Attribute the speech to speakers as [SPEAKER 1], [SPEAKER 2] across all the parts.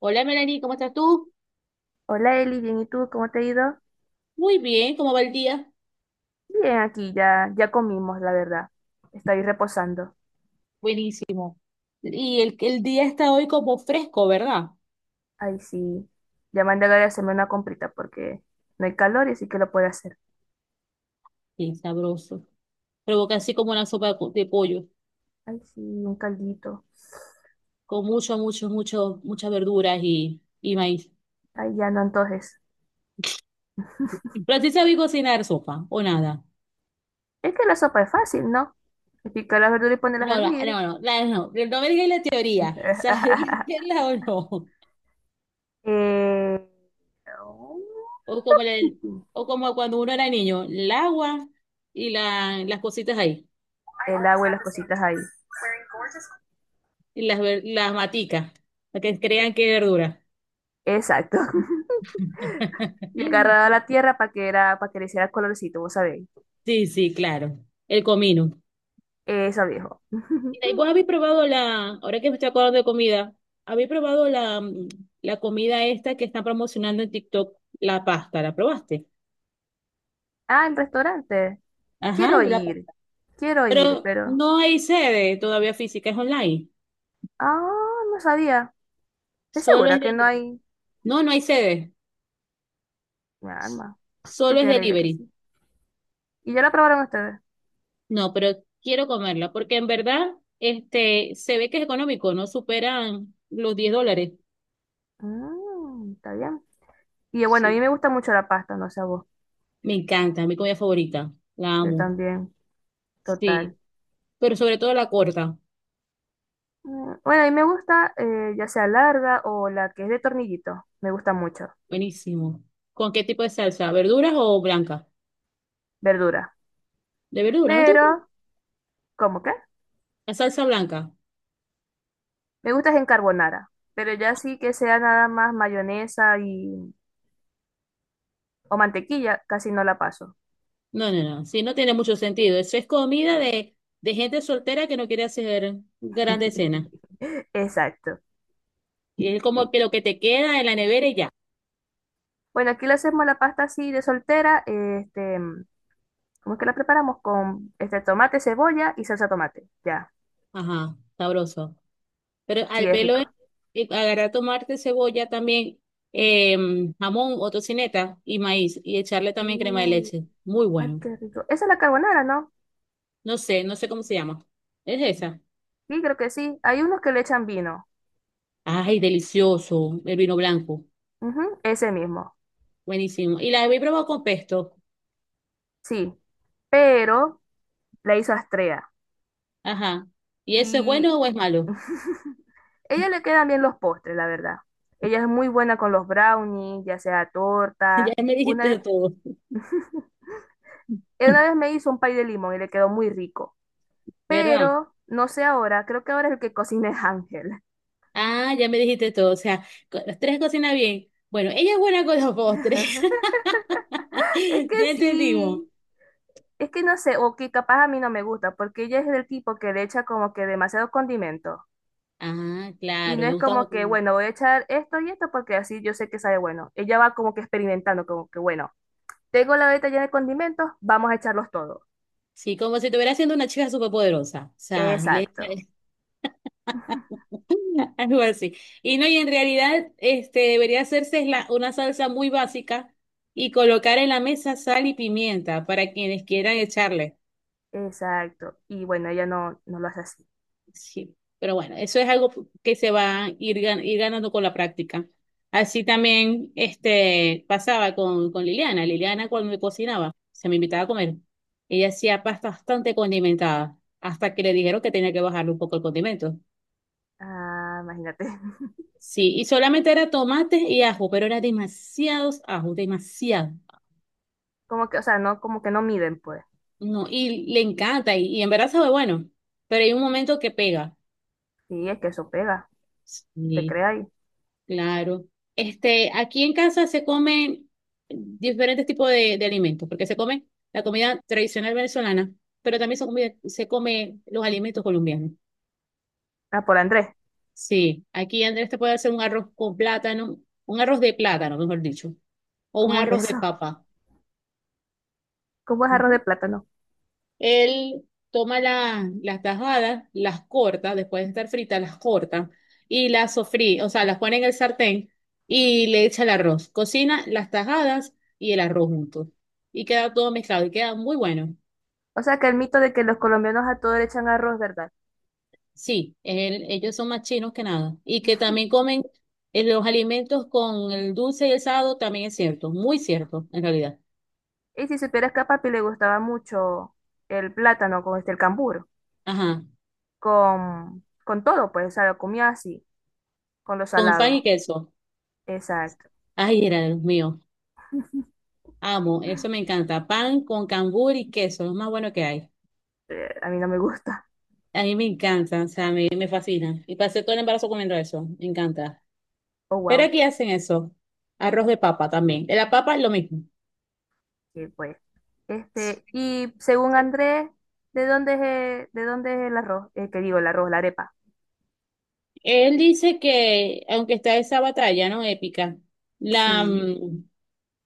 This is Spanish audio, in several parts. [SPEAKER 1] Hola Melanie, ¿cómo estás tú?
[SPEAKER 2] Hola Eli, bien, ¿y tú? ¿Cómo te ha ido?
[SPEAKER 1] Muy bien, ¿cómo va el día?
[SPEAKER 2] Bien, aquí ya comimos, la verdad. Estoy reposando.
[SPEAKER 1] Buenísimo. Y el día está hoy como fresco, ¿verdad?
[SPEAKER 2] Ay, sí. Ya mandé a Gaby a hacerme una comprita porque no hay calor y así que lo puede hacer.
[SPEAKER 1] Bien sabroso. Provoca así como una sopa de pollo,
[SPEAKER 2] Ay, sí, un caldito.
[SPEAKER 1] con mucho, mucho, mucho, muchas verduras y maíz.
[SPEAKER 2] Ay, ya no, entonces.
[SPEAKER 1] Pero sí sabéis cocinar sopa, o nada.
[SPEAKER 2] Es que la sopa es fácil, ¿no? Es Picar las verduras y ponerlas a
[SPEAKER 1] No, no,
[SPEAKER 2] hervir.
[SPEAKER 1] no, no, no, no me digas la teoría. ¿Sabéis hacerla o no?
[SPEAKER 2] Eh,
[SPEAKER 1] O como, o como cuando uno era niño, el agua y las cositas ahí,
[SPEAKER 2] el agua y las cositas ahí.
[SPEAKER 1] y las maticas, para que crean que es verdura.
[SPEAKER 2] Exacto. Y agarraba la tierra para que, era, para que le hiciera colorcito, vos sabéis.
[SPEAKER 1] Sí, sí, claro. El comino.
[SPEAKER 2] Eso, viejo.
[SPEAKER 1] Mira, ¿y vos habéis probado la, ahora que me estoy acordando de comida, habéis probado la comida esta que están promocionando en TikTok, la pasta? ¿La probaste?
[SPEAKER 2] Ah, el restaurante.
[SPEAKER 1] Ajá,
[SPEAKER 2] Quiero
[SPEAKER 1] de la
[SPEAKER 2] ir,
[SPEAKER 1] pasta.
[SPEAKER 2] quiero ir,
[SPEAKER 1] Pero
[SPEAKER 2] pero...
[SPEAKER 1] no hay sede todavía física, es online.
[SPEAKER 2] Ah, no sabía. ¿Es
[SPEAKER 1] Solo
[SPEAKER 2] segura
[SPEAKER 1] es
[SPEAKER 2] que no
[SPEAKER 1] delivery.
[SPEAKER 2] hay
[SPEAKER 1] No, no hay sede.
[SPEAKER 2] mi alma? Yo
[SPEAKER 1] Solo es
[SPEAKER 2] tenía la idea que
[SPEAKER 1] delivery.
[SPEAKER 2] sí. ¿Y ya la probaron ustedes?
[SPEAKER 1] No, pero quiero comerla porque en verdad este, se ve que es económico, no superan los $10.
[SPEAKER 2] Mm, está bien. Y bueno, a mí
[SPEAKER 1] Sí.
[SPEAKER 2] me gusta mucho la pasta, no sé a vos.
[SPEAKER 1] Me encanta, mi comida favorita. La
[SPEAKER 2] Yo
[SPEAKER 1] amo.
[SPEAKER 2] también, total.
[SPEAKER 1] Sí, pero sobre todo la corta.
[SPEAKER 2] Mm, bueno, a mí me gusta ya sea larga o la que es de tornillito. Me gusta mucho.
[SPEAKER 1] Buenísimo. ¿Con qué tipo de salsa? ¿Verduras o blanca?
[SPEAKER 2] Verdura.
[SPEAKER 1] De verdura, ¿no te gusta?
[SPEAKER 2] Pero, ¿cómo qué?
[SPEAKER 1] La salsa blanca.
[SPEAKER 2] Me gusta es en carbonara. Pero ya sí que sea nada más mayonesa y... o mantequilla, casi no la paso.
[SPEAKER 1] No, no, no. Sí, no tiene mucho sentido. Eso es comida de gente soltera que no quiere hacer grandes cenas.
[SPEAKER 2] Exacto.
[SPEAKER 1] Y es
[SPEAKER 2] Sí.
[SPEAKER 1] como que lo que te queda en la nevera y ya.
[SPEAKER 2] Bueno, aquí le hacemos la pasta así de soltera. Este, ¿cómo es que la preparamos? Con este tomate, cebolla y salsa tomate. Ya,
[SPEAKER 1] Ajá, sabroso. Pero
[SPEAKER 2] sí,
[SPEAKER 1] al
[SPEAKER 2] es
[SPEAKER 1] pelo,
[SPEAKER 2] rico.
[SPEAKER 1] agarrar tomarte cebolla también, eh, jamón o tocineta y maíz y echarle también crema de
[SPEAKER 2] Mm,
[SPEAKER 1] leche. Muy
[SPEAKER 2] ay,
[SPEAKER 1] bueno.
[SPEAKER 2] qué rico. Esa es la carbonara, ¿no?
[SPEAKER 1] No sé, no sé cómo se llama. Es esa.
[SPEAKER 2] Sí, creo que sí. Hay unos que le echan vino.
[SPEAKER 1] Ay, delicioso, el vino blanco.
[SPEAKER 2] Ujú, ese mismo.
[SPEAKER 1] Buenísimo. Y la he probado con pesto.
[SPEAKER 2] Sí. Pero la hizo Astrea.
[SPEAKER 1] Ajá. ¿Y eso es
[SPEAKER 2] Y
[SPEAKER 1] bueno o es malo?
[SPEAKER 2] ella le quedan bien los postres, la verdad. Ella es muy buena con los brownies, ya sea
[SPEAKER 1] Ya
[SPEAKER 2] torta.
[SPEAKER 1] me
[SPEAKER 2] Una
[SPEAKER 1] dijiste
[SPEAKER 2] vez.
[SPEAKER 1] todo.
[SPEAKER 2] Él una vez me hizo un pay de limón y le quedó muy rico.
[SPEAKER 1] ¿Verdad?
[SPEAKER 2] Pero, no sé ahora, creo que ahora es el que cocina es Ángel.
[SPEAKER 1] Ah, ya me dijiste todo. O sea, co- las tres cocinan bien. Bueno, ella es buena con los postres.
[SPEAKER 2] Es que
[SPEAKER 1] Ya entendimos.
[SPEAKER 2] sí, es que no sé, o que capaz a mí no me gusta, porque ella es del tipo que le echa como que demasiado condimento.
[SPEAKER 1] Ah,
[SPEAKER 2] Y
[SPEAKER 1] claro,
[SPEAKER 2] no
[SPEAKER 1] le
[SPEAKER 2] es
[SPEAKER 1] gustaba.
[SPEAKER 2] como que,
[SPEAKER 1] Con-
[SPEAKER 2] bueno, voy a echar esto y esto porque así yo sé que sabe bueno. Ella va como que experimentando, como que, bueno, tengo la beta llena de condimentos, vamos a echarlos todos.
[SPEAKER 1] Sí, como si estuviera siendo una chica superpoderosa. O sea, le echa
[SPEAKER 2] Exacto,
[SPEAKER 1] algo así. Y no, y en realidad, este, debería hacerse es una salsa muy básica y colocar en la mesa sal y pimienta para quienes quieran echarle.
[SPEAKER 2] exacto. Y bueno, ella no, no lo hace así.
[SPEAKER 1] Sí. Pero bueno, eso es algo que se va a ir ganando con la práctica. Así también, este, pasaba con Liliana. Liliana cuando me cocinaba, se me invitaba a comer. Ella hacía pasta bastante condimentada, hasta que le dijeron que tenía que bajarle un poco el condimento.
[SPEAKER 2] Ah, imagínate.
[SPEAKER 1] Sí, y solamente era tomate y ajo, pero era demasiados ajos, demasiado.
[SPEAKER 2] Como que, o sea, no, como que no miden, pues.
[SPEAKER 1] No, y le encanta, y en verdad sabe bueno, pero hay un momento que pega.
[SPEAKER 2] Sí, es que eso pega, te
[SPEAKER 1] Sí,
[SPEAKER 2] crea ahí.
[SPEAKER 1] claro. Este, aquí en casa se comen diferentes tipos de alimentos, porque se come la comida tradicional venezolana, pero también se come los alimentos colombianos.
[SPEAKER 2] Ah, por Andrés,
[SPEAKER 1] Sí, aquí Andrés te puede hacer un arroz con plátano, un arroz de plátano, mejor dicho, o un
[SPEAKER 2] ¿cómo es
[SPEAKER 1] arroz de
[SPEAKER 2] eso?
[SPEAKER 1] papa.
[SPEAKER 2] ¿Cómo es arroz de plátano?
[SPEAKER 1] Él toma las tajadas, las corta, después de estar fritas, las corta y las sofrí, o sea, las pone en el sartén y le echa el arroz. Cocina las tajadas y el arroz juntos. Y queda todo mezclado y queda muy bueno.
[SPEAKER 2] O sea que el mito de que los colombianos a todo le echan arroz, ¿verdad?
[SPEAKER 1] Sí, ellos son más chinos que nada. Y que también comen los alimentos con el dulce y el salado, también es cierto, muy cierto, en realidad.
[SPEAKER 2] Y si supieras que a papi le gustaba mucho el plátano con este, el cambur,
[SPEAKER 1] Ajá,
[SPEAKER 2] con todo, pues, o sea, lo comía así, con lo
[SPEAKER 1] con pan y
[SPEAKER 2] salado.
[SPEAKER 1] queso.
[SPEAKER 2] Exacto.
[SPEAKER 1] Ay, era de los míos. Amo, eso me encanta. Pan con cambur y queso, lo más bueno que hay.
[SPEAKER 2] A mí no me gusta.
[SPEAKER 1] A mí me encanta, o sea, me fascina. Y pasé todo el embarazo comiendo eso, me encanta.
[SPEAKER 2] Oh,
[SPEAKER 1] Pero
[SPEAKER 2] wow.
[SPEAKER 1] aquí hacen eso, arroz de papa también. De la papa es lo mismo.
[SPEAKER 2] Sí, pues. Este, y según Andrés, de dónde es el arroz? Que digo, el arroz, la arepa.
[SPEAKER 1] Él dice que, aunque está esa batalla, ¿no? Épica, la,
[SPEAKER 2] Sí.
[SPEAKER 1] mm,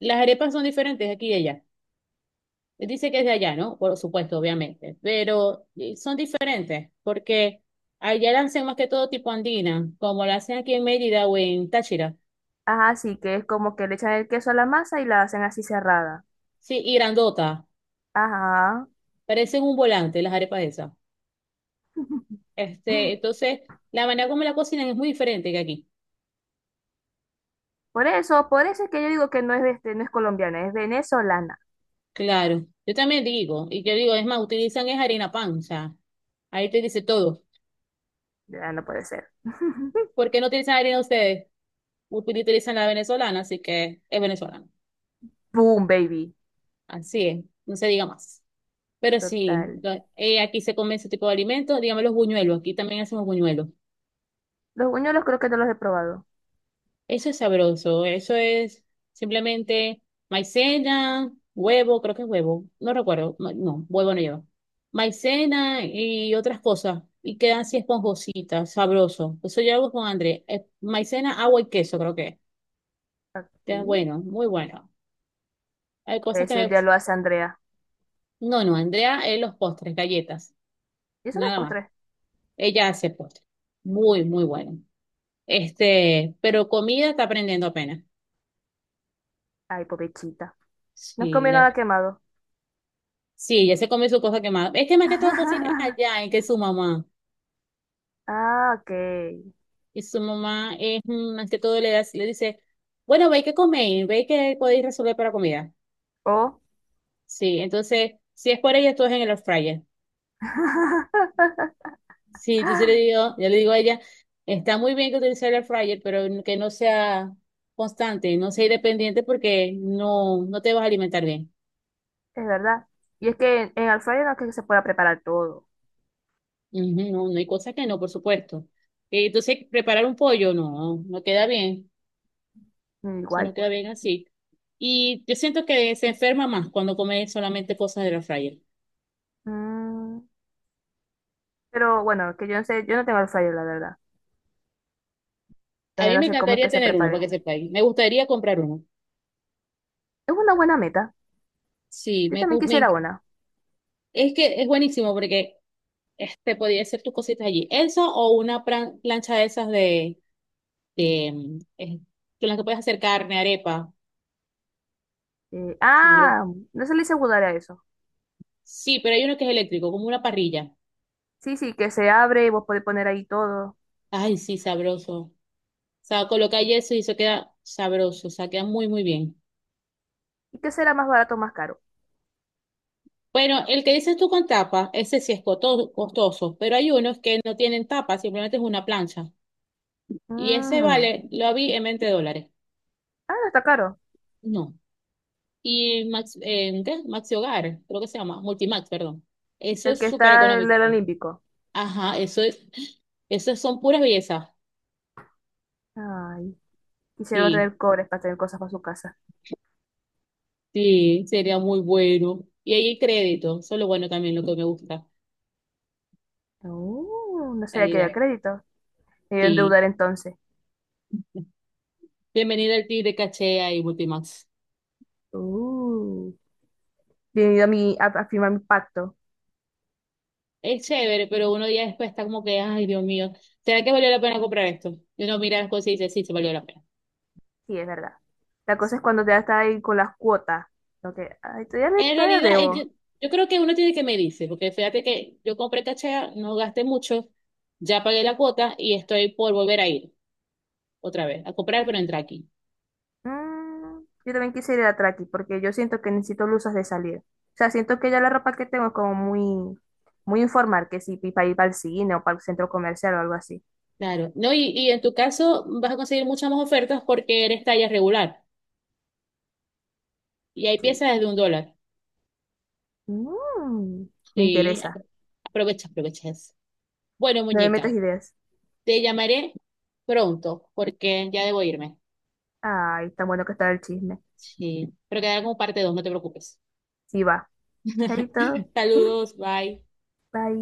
[SPEAKER 1] las arepas son diferentes aquí y allá. Él dice que es de allá, ¿no? Por supuesto, obviamente. Pero son diferentes, porque allá la hacen más que todo tipo andina, como la hacen aquí en Mérida o en Táchira.
[SPEAKER 2] Ajá, sí, que es como que le echan el queso a la masa y la hacen así cerrada.
[SPEAKER 1] Sí, y grandota.
[SPEAKER 2] Ajá.
[SPEAKER 1] Parecen un volante las arepas esas. Este, entonces, la manera como la cocinan es muy diferente que aquí.
[SPEAKER 2] Por eso es que yo digo que no es, este, no es colombiana, es venezolana.
[SPEAKER 1] Claro. Yo también digo, y yo digo, es más, utilizan es harina pan, o sea, ahí te dice todo.
[SPEAKER 2] Ya no puede ser.
[SPEAKER 1] ¿Por qué no utilizan harina ustedes? Utilizan la venezolana, así que es venezolana.
[SPEAKER 2] Boom, baby.
[SPEAKER 1] Así es, no se diga más. Pero sí,
[SPEAKER 2] Total.
[SPEAKER 1] aquí se come ese tipo de alimentos, dígame los buñuelos, aquí también hacemos buñuelos.
[SPEAKER 2] Los buñuelos creo que no los he probado.
[SPEAKER 1] Eso es sabroso, eso es simplemente maicena, huevo, creo que es huevo, no recuerdo, no, huevo no lleva. Maicena y otras cosas, y quedan así esponjositas, sabroso. Eso yo hago con André, maicena, agua y queso, creo que. Es.
[SPEAKER 2] Aquí.
[SPEAKER 1] Queda bueno, muy bueno. Hay cosas que
[SPEAKER 2] Ese un
[SPEAKER 1] me...
[SPEAKER 2] día lo hace Andrea.
[SPEAKER 1] No, no, Andrea es los postres, galletas,
[SPEAKER 2] ¿Y eso no es
[SPEAKER 1] nada más.
[SPEAKER 2] postre?
[SPEAKER 1] Ella hace postres, muy, muy bueno. Este, pero comida está aprendiendo apenas.
[SPEAKER 2] Ay, pobrecita. No
[SPEAKER 1] Sí,
[SPEAKER 2] comió nada quemado.
[SPEAKER 1] sí, ella se come su cosa quemada. Es que más que todo cocina es allá, en que su mamá.
[SPEAKER 2] Ah, ok.
[SPEAKER 1] Y su mamá es mm, más que todo le dice, bueno, ve que coméis, ve que podéis resolver para comida.
[SPEAKER 2] Oh.
[SPEAKER 1] Sí, entonces, si es por ella, todo es en el air fryer. Sí, entonces le digo, yo le digo a ella, está muy bien que utilice el air fryer, pero que no sea constante, no sea independiente porque no, no te vas a alimentar bien.
[SPEAKER 2] Es verdad. Y es que en air fryer no es que se pueda preparar todo.
[SPEAKER 1] Ujú, no, no hay cosas que no, por supuesto. Entonces, preparar un pollo, no, no queda bien. Se nos
[SPEAKER 2] Igual.
[SPEAKER 1] queda bien así. Y yo siento que se enferma más cuando come solamente cosas de la fryer.
[SPEAKER 2] Mm, pero bueno, que yo no sé, yo no tengo el fryer, la verdad.
[SPEAKER 1] A
[SPEAKER 2] Entonces
[SPEAKER 1] mí
[SPEAKER 2] no
[SPEAKER 1] me
[SPEAKER 2] sé cómo es
[SPEAKER 1] encantaría
[SPEAKER 2] que se
[SPEAKER 1] tener uno para
[SPEAKER 2] prepare.
[SPEAKER 1] que sepáis. Me gustaría comprar uno.
[SPEAKER 2] Es una buena meta.
[SPEAKER 1] Sí,
[SPEAKER 2] Yo
[SPEAKER 1] me,
[SPEAKER 2] también
[SPEAKER 1] gu- me
[SPEAKER 2] quisiera
[SPEAKER 1] enc-
[SPEAKER 2] una.
[SPEAKER 1] es que es buenísimo porque este podía hacer tus cositas allí. Eso o una plancha de esas de con las que puedes hacer carne, arepa.
[SPEAKER 2] Eh,
[SPEAKER 1] Sabroso.
[SPEAKER 2] ah, no se le hice budar a eso.
[SPEAKER 1] Sí, pero hay uno que es eléctrico, como una parrilla.
[SPEAKER 2] Sí, sí, que se abre y vos podés poner ahí todo.
[SPEAKER 1] Ay, sí, sabroso. O sea, colocáis eso y eso queda sabroso. O sea, queda muy, muy bien.
[SPEAKER 2] ¿Y qué será más barato o más caro?
[SPEAKER 1] Bueno, el que dices tú con tapa, ese sí es costoso, pero hay unos que no tienen tapa, simplemente es una plancha. Y ese
[SPEAKER 2] Mm,
[SPEAKER 1] vale, lo vi en $20.
[SPEAKER 2] ah, no está caro.
[SPEAKER 1] No. Y Max, ¿qué? Maxi Hogar, creo que se llama, Multimax, perdón. Eso
[SPEAKER 2] El
[SPEAKER 1] es
[SPEAKER 2] que
[SPEAKER 1] súper
[SPEAKER 2] está el
[SPEAKER 1] económico,
[SPEAKER 2] del
[SPEAKER 1] pues.
[SPEAKER 2] Olímpico.
[SPEAKER 1] Ajá, eso es, eso son puras bellezas.
[SPEAKER 2] Ay, quisieron
[SPEAKER 1] Sí,
[SPEAKER 2] tener cobres para tener cosas para su casa.
[SPEAKER 1] sí, sería muy bueno. Y ahí el crédito, eso es lo bueno también, lo que me gusta, la
[SPEAKER 2] No sabía que había
[SPEAKER 1] realidad.
[SPEAKER 2] crédito. Me iba a
[SPEAKER 1] Sí.
[SPEAKER 2] endeudar entonces.
[SPEAKER 1] Bienvenido al Tigre Cachea y Multimax.
[SPEAKER 2] Uh, bienvenido a, mi, a firmar mi pacto.
[SPEAKER 1] Es chévere, pero uno día después está como que, ay, Dios mío, ¿será que valió la pena comprar esto? Y uno mira las cosas y dice, sí, se valió la pena.
[SPEAKER 2] Sí, es verdad. La cosa es cuando te está ahí con las cuotas. Lo que, ay, todavía, le-
[SPEAKER 1] En
[SPEAKER 2] todavía
[SPEAKER 1] realidad,
[SPEAKER 2] debo.
[SPEAKER 1] yo creo que uno tiene que medirse, porque fíjate que yo compré cachea, no gasté mucho, ya pagué la cuota y estoy por volver a ir otra vez, a comprar, pero entrar aquí.
[SPEAKER 2] Mm, yo también quise ir a Traki porque yo siento que necesito luces de salir. O sea, siento que ya la ropa que tengo es como muy, muy informal, que si para ir para el cine o para el centro comercial o algo así.
[SPEAKER 1] Claro, no, y en tu caso vas a conseguir muchas más ofertas porque eres talla regular y hay
[SPEAKER 2] Sí.
[SPEAKER 1] piezas desde un dólar.
[SPEAKER 2] Mm, me
[SPEAKER 1] Sí,
[SPEAKER 2] interesa.
[SPEAKER 1] aprovecha, aprovecha eso. Bueno,
[SPEAKER 2] No me metas
[SPEAKER 1] muñeca,
[SPEAKER 2] ideas.
[SPEAKER 1] te llamaré pronto porque ya debo irme.
[SPEAKER 2] Ay, tan bueno que está el chisme.
[SPEAKER 1] Sí, pero quedará como parte 2, no te preocupes.
[SPEAKER 2] Sí, va. Chaito.
[SPEAKER 1] Saludos, bye.
[SPEAKER 2] Bye.